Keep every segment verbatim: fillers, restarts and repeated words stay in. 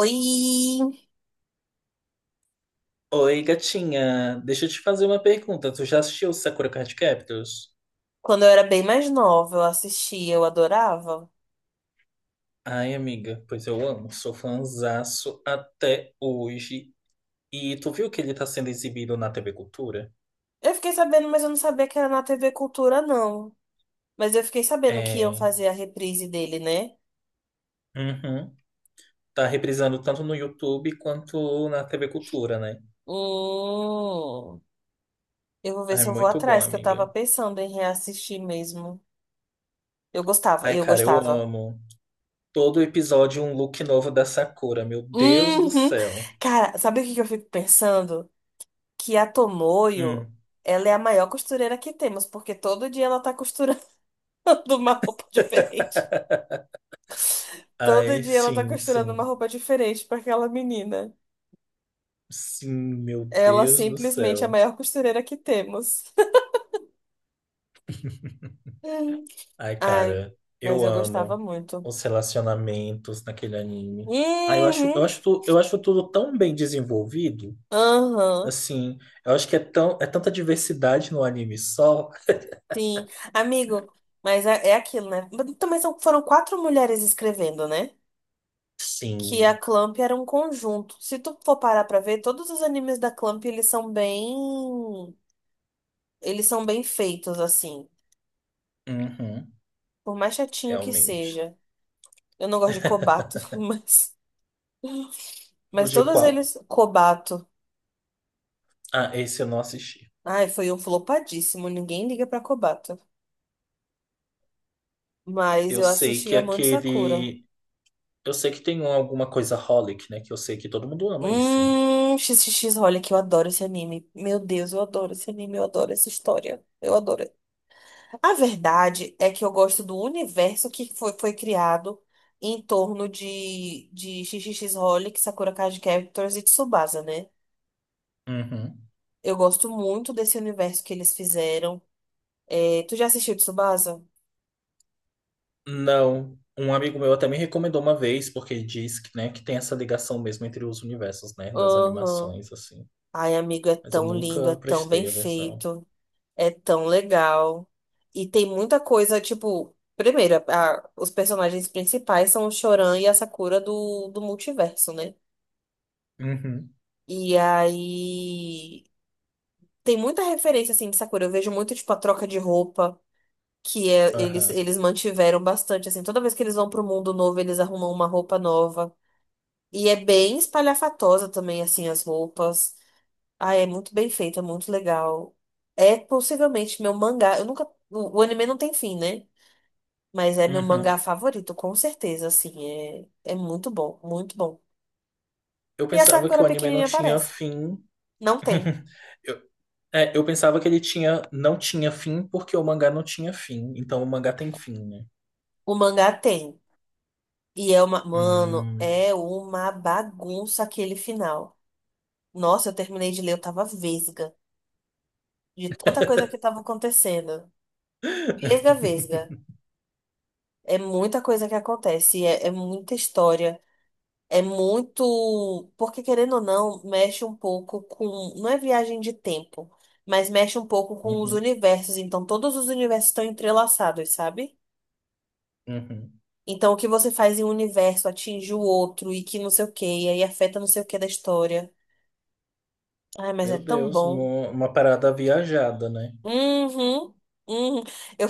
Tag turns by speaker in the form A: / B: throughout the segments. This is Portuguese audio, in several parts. A: Oi!
B: Oi, gatinha. Deixa eu te fazer uma pergunta. Tu já assistiu Sakura Card Captors?
A: Quando eu era bem mais nova, eu assistia, eu adorava.
B: Ai, amiga, pois eu amo. Sou fãzaço até hoje. E tu viu que ele tá sendo exibido na T V Cultura?
A: Eu fiquei sabendo, mas eu não sabia que era na T V Cultura, não. Mas eu fiquei sabendo que iam
B: É.
A: fazer a reprise dele, né?
B: Uhum. Tá reprisando tanto no YouTube quanto na T V Cultura, né?
A: Hum, eu vou ver
B: Ai,
A: se eu vou
B: muito bom,
A: atrás, que eu tava
B: amiga.
A: pensando em reassistir mesmo. Eu gostava,
B: Ai,
A: eu
B: cara, eu
A: gostava.
B: amo. Todo episódio um look novo da Sakura. Meu Deus do
A: Uhum.
B: céu.
A: Cara, sabe o que que eu fico pensando? Que a Tomoyo,
B: Hum.
A: ela é a maior costureira que temos, porque todo dia ela tá costurando uma roupa diferente. Todo
B: Ai,
A: dia ela tá
B: sim,
A: costurando uma
B: sim.
A: roupa diferente pra aquela menina.
B: Sim, meu
A: Ela
B: Deus do
A: simplesmente é a
B: céu.
A: maior costureira que temos. Hum.
B: Ai,
A: Ai,
B: cara,
A: mas
B: eu
A: eu gostava
B: amo
A: muito.
B: os relacionamentos naquele anime. Ah, eu acho, eu
A: Uhum.
B: acho, tu- eu acho tudo tão bem desenvolvido.
A: Aham,
B: Assim, eu acho que é tão, é tanta diversidade no anime só.
A: sim. Amigo, mas é, é aquilo, né? Mas também são, foram quatro mulheres escrevendo, né? Que
B: Sim,
A: a Clamp era um conjunto. Se tu for parar pra ver, todos os animes da Clamp, eles são bem... Eles são bem feitos, assim.
B: uhum,
A: Por mais chatinho que
B: realmente.
A: seja. Eu não gosto de Kobato, mas...
B: O
A: Mas
B: de
A: todos
B: qual?
A: eles, Kobato.
B: Ah, esse eu não assisti.
A: Ai, foi um flopadíssimo. Ninguém liga pra Kobato. Mas
B: Eu
A: eu
B: sei
A: assisti
B: que
A: Amante Sakura.
B: aquele. Eu sei que tem um- alguma coisa Holic, né? Que eu sei que todo mundo ama isso,
A: Hum, XXX, olha que eu adoro esse anime. Meu Deus, eu adoro esse anime, eu adoro essa história. Eu adoro. A verdade é que eu gosto do universo que foi, foi criado em torno de, de XXX Holic, Sakura Card Captors e Tsubasa, né?
B: né?
A: Eu gosto muito desse universo que eles fizeram. É, tu já assistiu Tsubasa?
B: Não. Um amigo meu até me recomendou uma vez, porque diz que, né, que tem essa ligação mesmo entre os universos, né, das
A: Aham.
B: animações, assim.
A: Ai, amigo, é
B: Mas eu
A: tão lindo, é
B: nunca
A: tão bem
B: prestei atenção.
A: feito, é tão legal. E tem muita coisa, tipo, primeiro, a- os personagens principais são o Choran e a Sakura do, do multiverso, né?
B: Uhum.
A: E aí tem muita referência assim de Sakura. Eu vejo muito, tipo, a troca de roupa, que é, eles,
B: Aham.
A: eles mantiveram bastante, assim, toda vez que eles vão pro mundo novo, eles arrumam uma roupa nova. E é bem espalhafatosa também, assim, as roupas. Ah, é muito bem feito, é muito legal. É possivelmente meu mangá. Eu nunca. O o anime não tem fim, né? Mas é meu mangá
B: Uhum.
A: favorito, com certeza, assim. É, é muito bom, muito bom.
B: Eu
A: E a
B: pensava que
A: Sakura
B: o anime não
A: pequenininha
B: tinha
A: aparece.
B: fim.
A: Não tem.
B: Eu, é, eu pensava que ele tinha, não tinha fim porque o mangá não tinha fim. Então o mangá tem fim, né?
A: O mangá tem. E é uma. Mano,
B: Hum.
A: é uma bagunça aquele final. Nossa, eu terminei de ler, eu tava vesga. De tanta coisa que tava acontecendo. Vesga, vesga. É muita coisa que acontece. É, é muita história. É muito. Porque, querendo ou não, mexe um pouco com. Não é viagem de tempo, mas mexe um pouco com os
B: Uhum,
A: universos. Então, todos os universos estão entrelaçados, sabe?
B: uhum.
A: Então, o que você faz em um universo atinge o outro e que não sei o quê, e aí afeta não sei o quê da história. Ai, mas é
B: Meu
A: tão
B: Deus,
A: bom.
B: uma, uma parada viajada, né?
A: Uhum. Uhum. Eu,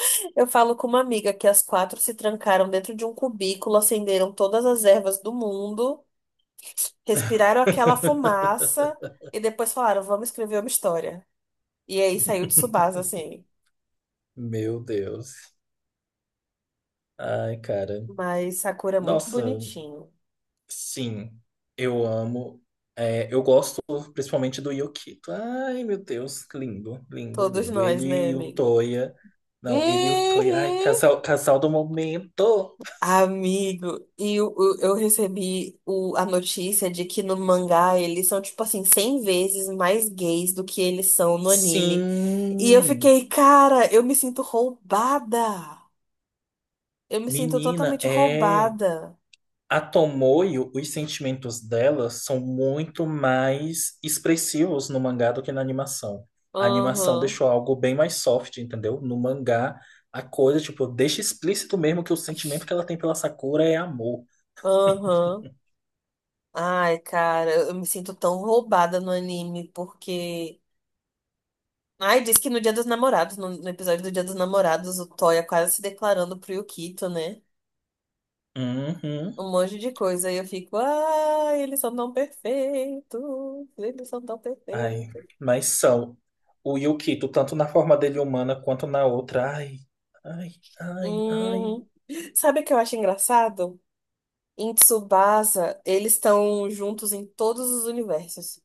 A: eu falo com uma amiga que as quatro se trancaram dentro de um cubículo, acenderam todas as ervas do mundo. Respiraram aquela fumaça e depois falaram, vamos escrever uma história. E aí saiu de Tsubasa, assim.
B: Meu Deus. Ai, cara.
A: Mas Sakura é muito
B: Nossa,
A: bonitinho.
B: sim, eu amo. É, eu gosto principalmente do Yukito. Ai, meu Deus, lindo, lindo,
A: Todos
B: lindo.
A: nós, né,
B: Ele e o
A: amigo?
B: Toya. Não, ele e o Toya. Ai,
A: Uhum.
B: casal, casal do momento.
A: Amigo, e eu, eu, eu recebi o, a notícia de que no mangá eles são, tipo assim, cem vezes mais gays do que eles são no anime. E eu
B: Sim,
A: fiquei, cara, eu me sinto roubada. Eu me sinto
B: menina,
A: totalmente
B: é.
A: roubada.
B: A Tomoyo, os sentimentos dela são muito mais expressivos no mangá do que na animação. A animação
A: Aham,
B: deixou algo bem mais soft, entendeu? No mangá, a coisa, tipo, deixa explícito mesmo que o sentimento que ela tem pela Sakura é amor.
A: aham. Ai, cara, eu me sinto tão roubada no anime, porque. Ai, diz que no Dia dos Namorados, no, no episódio do Dia dos Namorados, o Toya quase se declarando pro Yukito, né?
B: Uhum.
A: Um monte de coisa. E eu fico, ai, eles são tão perfeitos, eles são tão
B: Ai,
A: perfeitos.
B: mas são o Yukito, tanto na forma dele humana quanto na outra. Ai, ai, ai, ai.
A: Hum. Sabe o que eu acho engraçado? Em Tsubasa, eles estão juntos em todos os universos.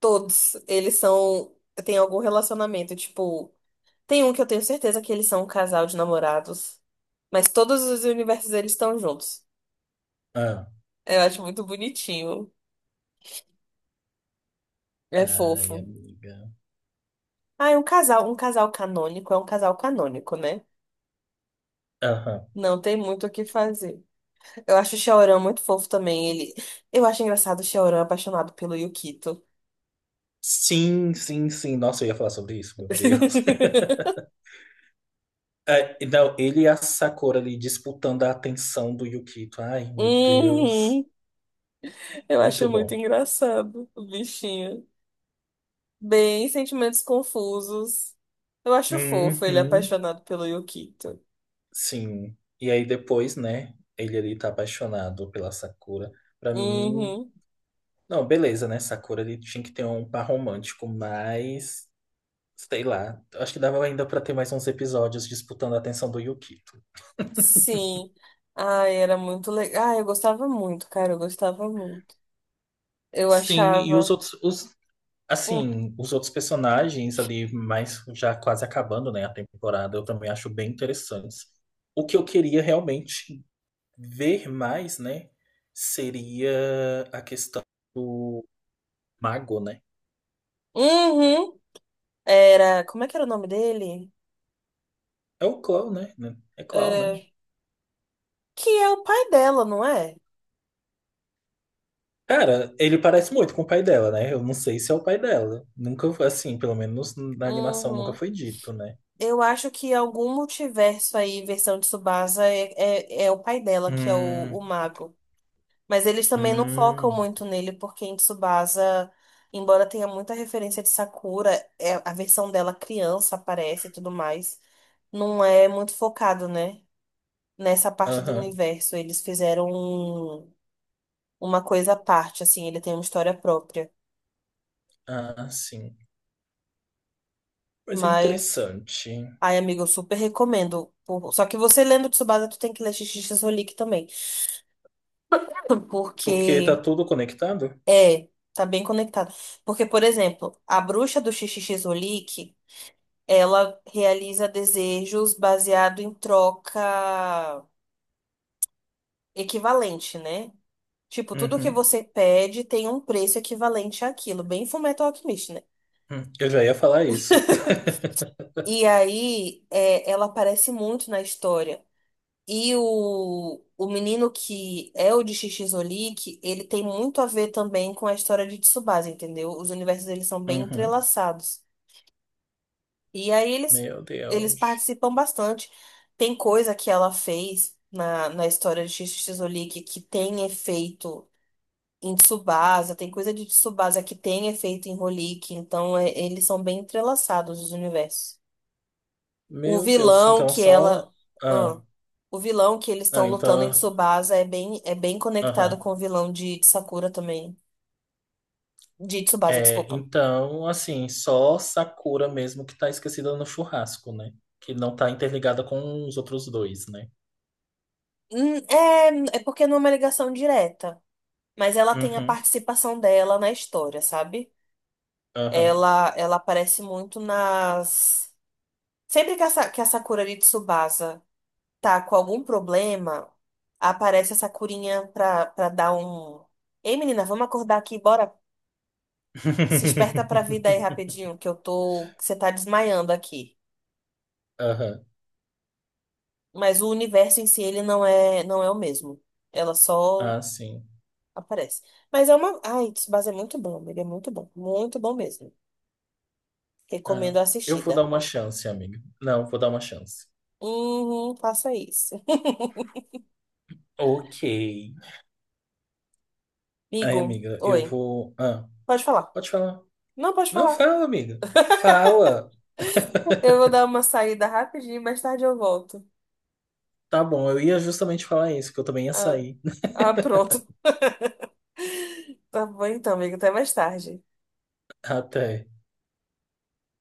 A: Todos. Eles são. Tem algum relacionamento, tipo. Tem um que eu tenho certeza que eles são um casal de namorados, mas todos os universos eles estão juntos.
B: Ah,
A: Eu acho muito bonitinho. É
B: ai,
A: fofo.
B: amiga.
A: Ah, é um casal, um casal canônico, é um casal canônico, né?
B: Aham.
A: Não tem muito o que fazer. Eu acho o Xiaoran muito fofo também. Ele, eu acho engraçado o Xiaoran apaixonado pelo Yukito.
B: Sim, sim, sim. Nossa, eu ia falar sobre isso, meu Deus. É, e não, ele e a Sakura ali disputando a atenção do Yukito. Ai, meu Deus.
A: Uhum. Eu
B: Muito
A: acho muito
B: bom.
A: engraçado o bichinho. Bem, sentimentos confusos. Eu acho fofo ele
B: Uhum,
A: apaixonado pelo Yukito.
B: sim. E aí depois, né? Ele ali tá apaixonado pela Sakura. Pra mim,
A: Uhum.
B: não, beleza, né? Sakura ele tinha que ter um par romântico, mas sei lá. Acho que dava ainda pra ter mais uns episódios disputando a atenção do Yukito.
A: Sim. Ai, era muito legal. Ah, eu gostava muito, cara, eu gostava muito. Eu
B: Sim, e os
A: achava.
B: outros, os
A: Hum.
B: assim, os outros personagens ali, mas já quase acabando, né, a temporada, eu também acho bem interessantes. O que eu queria realmente ver mais, né, seria a questão do mago, né?
A: Uhum. Era. Como é que era o nome dele?
B: É o Clau, né? É Clau, né?
A: É, que é o pai dela, não é?
B: Cara, ele parece muito com o pai dela, né? Eu não sei se é o pai dela. Nunca, assim, pelo menos na animação nunca
A: Uhum.
B: foi dito, né?
A: Eu acho que algum multiverso aí, versão de Tsubasa, é, é, é o pai dela, que é o,
B: Hum,
A: o mago. Mas eles também não focam
B: hum,
A: muito nele, porque em Tsubasa, embora tenha muita referência de Sakura, é, a versão dela criança aparece e tudo mais, não é muito focado, né? Nessa parte do
B: aham.
A: universo. Eles fizeram um- uma coisa à parte, assim, ele tem uma história própria.
B: Ah, sim. Mas é
A: Mas,
B: interessante.
A: ai, amigo, eu super recomendo. Por- Só que você lendo Tsubasa, tu tem que ler Xixi Rolik também.
B: Porque tá
A: Porque,
B: tudo conectado?
A: é, tá bem conectado. Porque, por exemplo, a bruxa do Xixi Rolik. Ela realiza desejos baseado em troca equivalente, né? Tipo, tudo que
B: Uhum,
A: você pede tem um preço equivalente àquilo, bem Fullmetal Alchemist, né?
B: uhum. Eu já ia falar isso.
A: E aí, é, ela aparece muito na história. E o, o menino que é o de Shichizolik, ele tem muito a ver também com a história de Tsubasa, entendeu? Os universos, eles são bem
B: Uhum.
A: entrelaçados. E aí eles,
B: Meu
A: eles
B: Deus.
A: participam bastante. Tem coisa que ela fez na, na história de Xixi Xixolique que tem efeito em Tsubasa, tem coisa de Tsubasa que tem efeito em Holick, então é- eles são bem entrelaçados os universos. O
B: Meu Deus.
A: vilão
B: Então
A: que ela.
B: só.
A: Ah,
B: Ah,
A: o vilão que eles
B: não,
A: estão lutando em
B: então.
A: Tsubasa é bem, é bem conectado
B: Aham.
A: com o vilão de, de Sakura também. De Tsubasa,
B: É,
A: desculpa.
B: então, assim, só Sakura mesmo que tá esquecida no churrasco, né? Que não tá interligada com os outros dois, né?
A: Hum, É, é porque não é uma ligação direta. Mas ela tem a
B: Uhum.
A: participação dela na história, sabe?
B: Aham.
A: Ela, ela aparece muito nas. Sempre que essa que a Sakura de Tsubasa tá com algum problema, aparece a Sakurinha pra, pra dar um. Ei, menina, vamos acordar aqui, bora. Se esperta pra vida aí rapidinho, que eu tô. Que você tá desmaiando aqui.
B: Aham.
A: Mas o universo em si, ele não é, não é o mesmo. Ela só
B: Ah, sim.
A: aparece. Mas é uma. Ai, Tsubasa é muito bom, ele é muito bom. Muito bom mesmo.
B: Ah,
A: Recomendo a
B: eu vou dar
A: assistida.
B: uma chance, amiga. Não, vou dar uma chance.
A: Uhum, faça isso.
B: Ok. Ai,
A: Amigo,
B: amiga, eu
A: oi.
B: vou. Ah.
A: Pode falar.
B: Pode falar.
A: Não, pode
B: Não,
A: falar.
B: fala, amiga. Fala.
A: Eu vou dar uma saída rapidinho, mais tarde eu volto.
B: Tá bom, eu ia justamente falar isso, que eu também ia
A: Ah,
B: sair
A: ah, pronto. Tá bom então, amigo. Até mais tarde.
B: até.